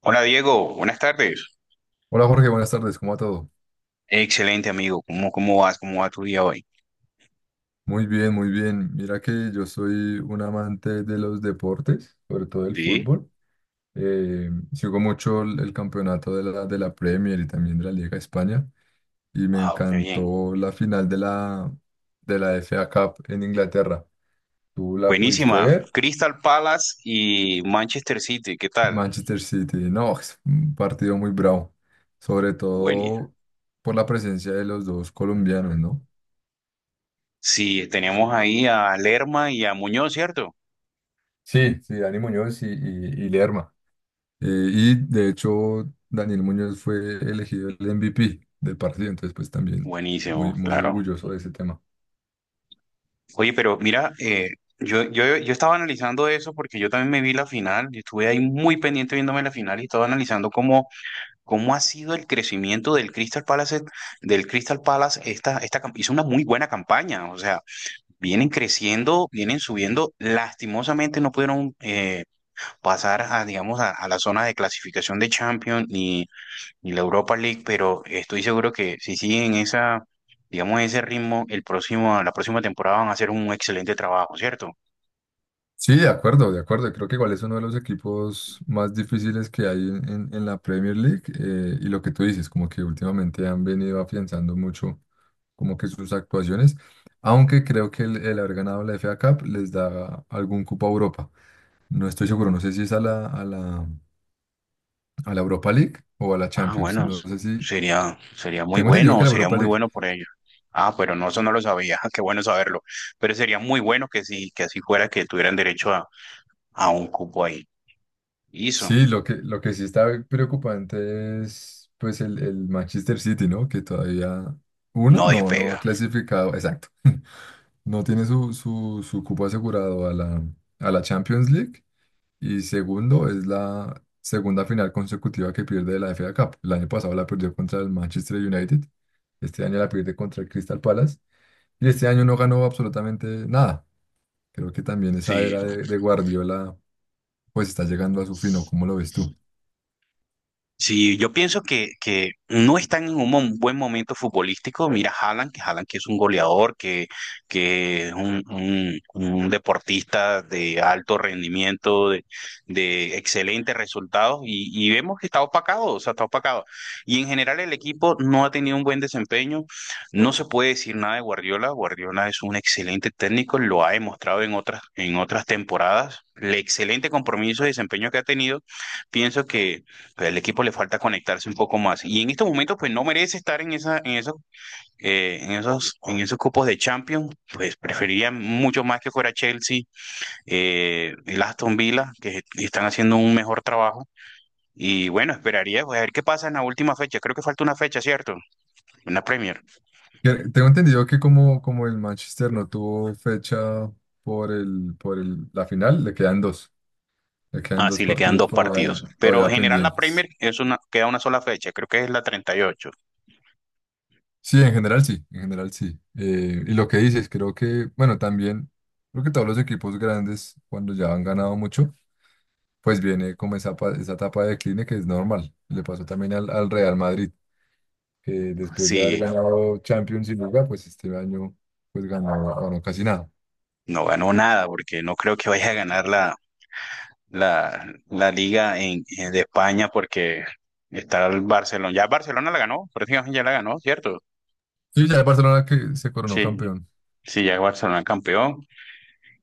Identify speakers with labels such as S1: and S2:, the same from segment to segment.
S1: Hola Diego, buenas tardes.
S2: Hola Jorge, buenas tardes, ¿cómo va todo?
S1: Excelente amigo, ¿¿cómo vas? ¿Cómo va tu día hoy?
S2: Muy bien, muy bien. Mira que yo soy un amante de los deportes, sobre todo el
S1: Sí,
S2: fútbol. Sigo mucho el campeonato de la Premier y también de la Liga de España y me
S1: wow, qué bien.
S2: encantó la final de la FA Cup en Inglaterra. ¿Tú la pudiste
S1: Buenísima.
S2: ver?
S1: Crystal Palace y Manchester City, ¿qué tal?
S2: Manchester City, no, es un partido muy bravo, sobre
S1: Buenísimo.
S2: todo por la presencia de los dos colombianos, ¿no?
S1: Sí, tenemos ahí a Lerma y a Muñoz, ¿cierto?
S2: Sí, sí, Dani Muñoz y Lerma. Eh, y de hecho, Daniel Muñoz fue elegido el MVP del partido, entonces pues también muy,
S1: Buenísimo,
S2: muy
S1: claro.
S2: orgulloso de ese tema.
S1: Oye, pero mira, yo estaba analizando eso porque yo también me vi la final, yo estuve ahí muy pendiente viéndome la final y estaba analizando cómo, cómo ha sido el crecimiento del Crystal Palace, hizo una muy buena campaña, o sea. Vienen creciendo, vienen subiendo. Lastimosamente no pudieron pasar a, digamos, a la zona de clasificación de Champions ni, ni la Europa League, pero estoy seguro que si siguen esa, digamos, ese ritmo, la próxima temporada van a hacer un excelente trabajo, ¿cierto?
S2: Sí, de acuerdo, de acuerdo. Creo que igual es uno de los equipos más difíciles que hay en la Premier League. Y lo que tú dices, como que últimamente han venido afianzando mucho como que sus actuaciones, aunque creo que el haber ganado la FA Cup les da algún cupo a Europa. No estoy seguro, no sé si es a a la Europa League o a la
S1: Ah,
S2: Champions.
S1: bueno,
S2: No
S1: s-
S2: sé si...
S1: sería,
S2: Tengo entendido que la
S1: sería
S2: Europa
S1: muy
S2: League.
S1: bueno por ellos. Ah, pero no, eso no lo sabía, qué bueno saberlo. Pero sería muy bueno que sí, que así fuera, que tuvieran derecho a un cupo ahí. Hizo,
S2: Sí, lo que sí está preocupante es pues el Manchester City, ¿no? Que todavía uno
S1: no
S2: no, no ha
S1: despega.
S2: clasificado, exacto. No tiene su cupo asegurado a la Champions League. Y segundo, es la segunda final consecutiva que pierde de la FA Cup. El año pasado la perdió contra el Manchester United. Este año la pierde contra el Crystal Palace. Y este año no ganó absolutamente nada. Creo que también esa
S1: Sí.
S2: era de Guardiola pues está llegando a su fin, ¿o ¿cómo lo ves tú?
S1: Sí, yo pienso que no están en un buen momento futbolístico. Mira, Haaland que es un goleador, que es un, un deportista de alto rendimiento, de excelentes resultados, y vemos que está opacado, o sea, está opacado. Y en general el equipo no ha tenido un buen desempeño. No se puede decir nada de Guardiola. Guardiola es un excelente técnico, lo ha demostrado en otras temporadas. El excelente compromiso y desempeño que ha tenido, pienso que el equipo le falta conectarse un poco más. Y en estos momentos, pues no merece estar en esa, en esos, en esos, en esos cupos de Champions. Pues preferiría mucho más que fuera Chelsea, el Aston Villa, que están haciendo un mejor trabajo. Y bueno, esperaría pues, a ver qué pasa en la última fecha. Creo que falta una fecha, ¿cierto? Una Premier.
S2: Tengo entendido que como el Manchester no tuvo fecha por la final, le quedan dos. Le quedan
S1: Ah,
S2: dos
S1: sí, le quedan
S2: partidos
S1: dos partidos.
S2: todavía,
S1: Pero
S2: todavía
S1: en general la
S2: pendientes.
S1: Premier es una, queda una sola fecha. Creo que es la treinta y ocho.
S2: Sí, en general sí, en general sí. Y lo que dices, creo que, bueno, también, creo que todos los equipos grandes, cuando ya han ganado mucho, pues viene como esa etapa de decline que es normal. Le pasó también al Real Madrid, que después de haber
S1: Sí,
S2: ganado Champions y Liga, pues este año pues ganó casi nada.
S1: no ganó nada porque no creo que vaya a ganar la, la liga en, de España porque está el Barcelona. Ya Barcelona la ganó, prácticamente ya la ganó, ¿cierto?
S2: Sí, ya el Barcelona que se coronó
S1: Sí,
S2: campeón.
S1: sí, ya Barcelona campeón.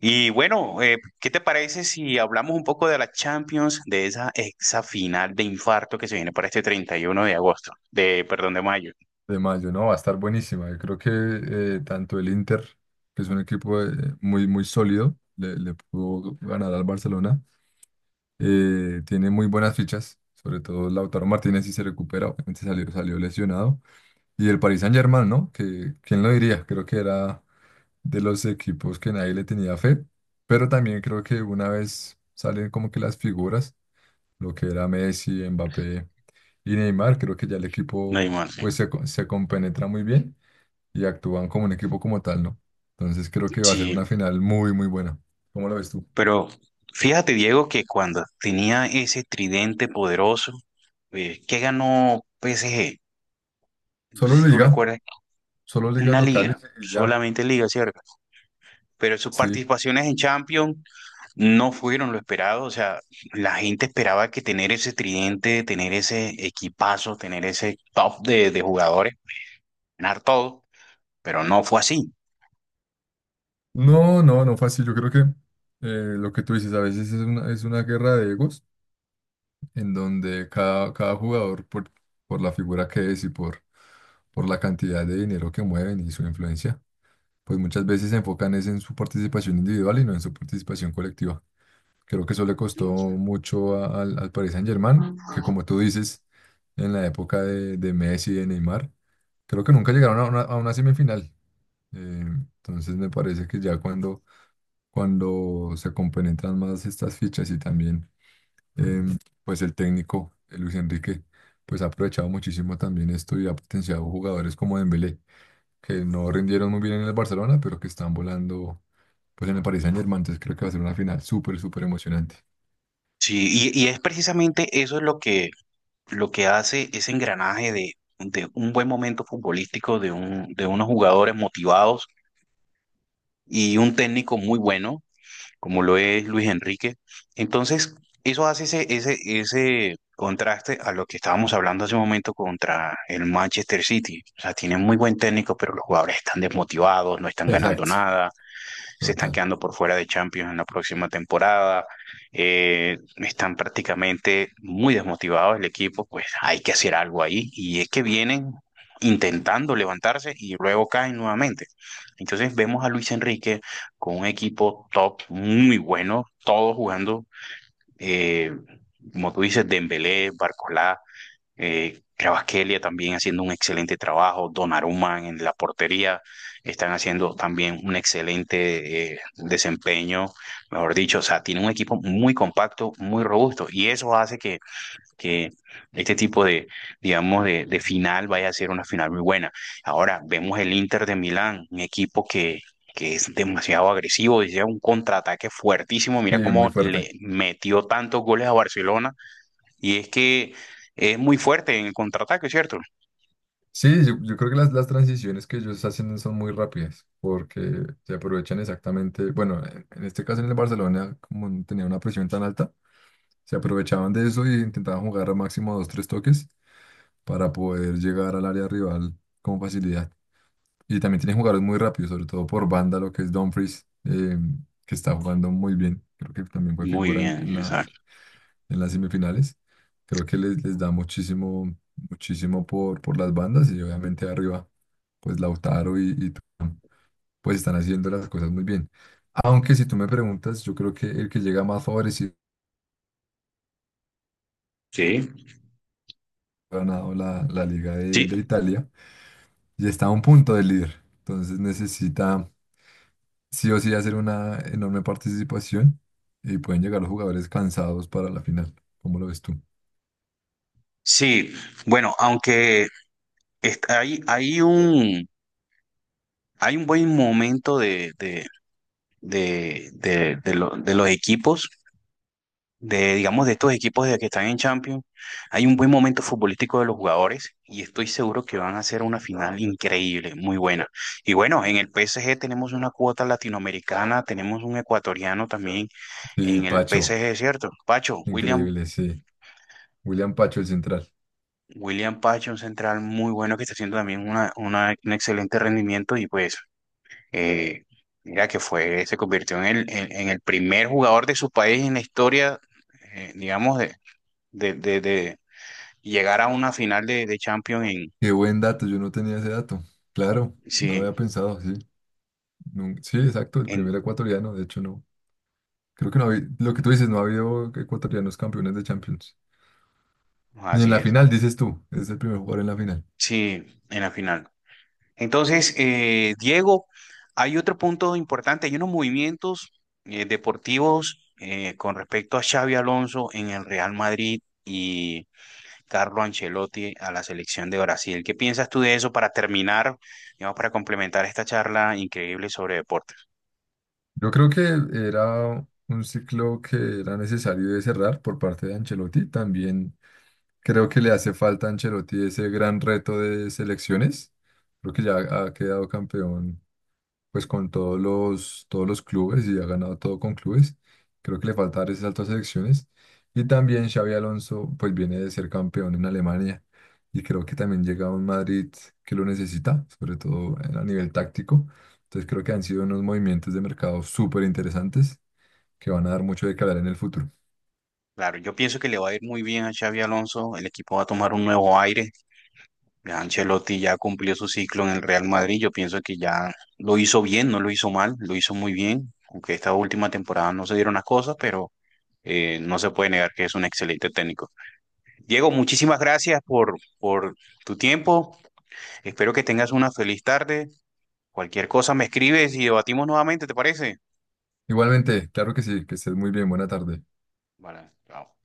S1: Y bueno, ¿qué te parece si hablamos un poco de la Champions, de esa exa final de infarto que se viene para este 31 de agosto, de, perdón, de mayo?
S2: De mayo, ¿no? Va a estar buenísima. Yo creo que tanto el Inter, que es un equipo muy, muy sólido, le pudo ganar al Barcelona. Tiene muy buenas fichas, sobre todo Lautaro Martínez si se recupera, obviamente salió lesionado. Y el Paris Saint-Germain, ¿no? Que, ¿quién lo diría? Creo que era de los equipos que nadie le tenía fe, pero también creo que una vez salen como que las figuras, lo que era Messi, Mbappé y Neymar, creo que ya el
S1: No hay
S2: equipo
S1: más, sí.
S2: pues se compenetra muy bien y actúan como un equipo como tal, ¿no? Entonces creo que va a ser
S1: Sí,
S2: una final muy, muy buena. ¿Cómo lo ves tú?
S1: pero fíjate, Diego, que cuando tenía ese tridente poderoso, ¿qué ganó PSG? No sé
S2: Solo
S1: si tú
S2: liga,
S1: recuerdas.
S2: solo ligas
S1: Una
S2: locales
S1: liga,
S2: y ya,
S1: solamente liga, ¿cierto? Pero sus
S2: sí.
S1: participaciones en Champions no fueron lo esperado, o sea, la gente esperaba que tener ese tridente, tener ese equipazo, tener ese top de jugadores, ganar todo, pero no fue así.
S2: No, no, no fácil. Yo creo que lo que tú dices a veces es una guerra de egos en donde cada jugador, por la figura que es y por la cantidad de dinero que mueven y su influencia, pues muchas veces se enfocan es en su participación individual y no en su participación colectiva. Creo que eso le costó mucho al Paris Saint-Germain, que como tú dices, en la época de Messi y de Neymar, creo que nunca llegaron a una semifinal. Eh, entonces me parece que ya cuando se compenetran más estas fichas y también em, pues el técnico, Luis Enrique, pues ha aprovechado muchísimo también esto y ha potenciado jugadores como Dembélé, que no rindieron muy bien en el Barcelona, pero que están volando pues en el Paris Saint-Germain, entonces creo que va a ser una final súper, súper emocionante.
S1: Sí, y es precisamente eso es lo que hace ese engranaje de un buen momento futbolístico, de, un, de unos jugadores motivados y un técnico muy bueno, como lo es Luis Enrique. Entonces, eso hace ese, ese, ese contraste a lo que estábamos hablando hace un momento contra el Manchester City. O sea, tienen muy buen técnico, pero los jugadores están desmotivados, no están ganando
S2: Exacto,
S1: nada, se están
S2: total.
S1: quedando por fuera de Champions en la próxima temporada, están prácticamente muy desmotivados el equipo, pues hay que hacer algo ahí y es que vienen intentando levantarse y luego caen nuevamente. Entonces vemos a Luis Enrique con un equipo top muy bueno, todos jugando, eh, como tú dices, Dembélé, Barcolá, Kvaratskhelia también haciendo un excelente trabajo, Donnarumma en la portería están haciendo también un excelente desempeño, mejor dicho, o sea, tiene un equipo muy compacto, muy robusto y eso hace que este tipo de, digamos, de final vaya a ser una final muy buena. Ahora vemos el Inter de Milán, un equipo que es demasiado agresivo, decía un contraataque fuertísimo, mira
S2: Sí, muy
S1: cómo
S2: fuerte.
S1: le metió tantos goles a Barcelona y es que es muy fuerte en el contraataque, ¿cierto?
S2: Sí, yo creo que las transiciones que ellos hacen son muy rápidas, porque se aprovechan exactamente, bueno, en este caso en el Barcelona, como no tenía una presión tan alta, se aprovechaban de eso y intentaban jugar a máximo dos, tres toques para poder llegar al área rival con facilidad. Y también tienen jugadores muy rápidos, sobre todo por banda, lo que es Dumfries, que está jugando muy bien. Creo que también fue
S1: Muy
S2: figura
S1: bien,
S2: en la
S1: exacto.
S2: en las semifinales. Creo que les da muchísimo, muchísimo por las bandas y obviamente arriba, pues Lautaro y tú, pues están haciendo las cosas muy bien. Aunque si tú me preguntas, yo creo que el que llega más favorecido
S1: Sí,
S2: ha ganado la Liga de,
S1: sí,
S2: de Italia y está a un punto del líder. Entonces necesita sí o sí hacer una enorme participación y pueden llegar los jugadores cansados para la final. ¿Cómo lo ves tú?
S1: sí. Bueno, hay, hay un buen momento de, de los equipos de, digamos, de estos equipos de que están en Champions, hay un buen momento futbolístico de los jugadores y estoy seguro que van a hacer una final increíble, muy buena. Y bueno, en el PSG tenemos una cuota latinoamericana, tenemos un ecuatoriano también
S2: Sí,
S1: en el
S2: Pacho,
S1: PSG, ¿cierto? Pacho, William,
S2: increíble, sí. William Pacho, el central.
S1: William Pacho, un central muy bueno que está haciendo también una, un excelente rendimiento y pues... eh, mira que fue, se convirtió en el primer jugador de su país en la historia, digamos, de, y llegar a una final de Champions en,
S2: Qué buen dato, yo no tenía ese dato. Claro, no lo
S1: sí,
S2: había pensado, sí. Sí, exacto, el
S1: en,
S2: primer ecuatoriano, de hecho no. Creo que no había, lo que tú dices, no ha habido ecuatorianos campeones de Champions. Ni en
S1: así
S2: la
S1: es,
S2: final, dices tú, es el primer jugador en la final.
S1: sí, en la final. Entonces, Diego, hay otro punto importante, hay unos movimientos deportivos con respecto a Xavi Alonso en el Real Madrid y Carlo Ancelotti a la selección de Brasil. ¿Qué piensas tú de eso para terminar, digamos, para complementar esta charla increíble sobre deportes?
S2: Yo creo que era un ciclo que era necesario de cerrar por parte de Ancelotti. También creo que le hace falta a Ancelotti ese gran reto de selecciones. Creo que ya ha quedado campeón pues con todos los clubes y ha ganado todo con clubes. Creo que le falta dar ese salto a selecciones. Y también Xavi Alonso, pues viene de ser campeón en Alemania y creo que también llega a un Madrid que lo necesita, sobre todo a nivel táctico. Entonces creo que han sido unos movimientos de mercado súper interesantes que van a dar mucho de que hablar en el futuro.
S1: Claro, yo pienso que le va a ir muy bien a Xavi Alonso, el equipo va a tomar un nuevo aire. Ya Ancelotti ya cumplió su ciclo en el Real Madrid. Yo pienso que ya lo hizo bien, no lo hizo mal, lo hizo muy bien. Aunque esta última temporada no se dieron las cosas, pero no se puede negar que es un excelente técnico. Diego, muchísimas gracias por tu tiempo. Espero que tengas una feliz tarde. Cualquier cosa me escribes y debatimos nuevamente, ¿te parece?
S2: Igualmente, claro que sí, que estés muy bien, buena tarde.
S1: Vale, chao.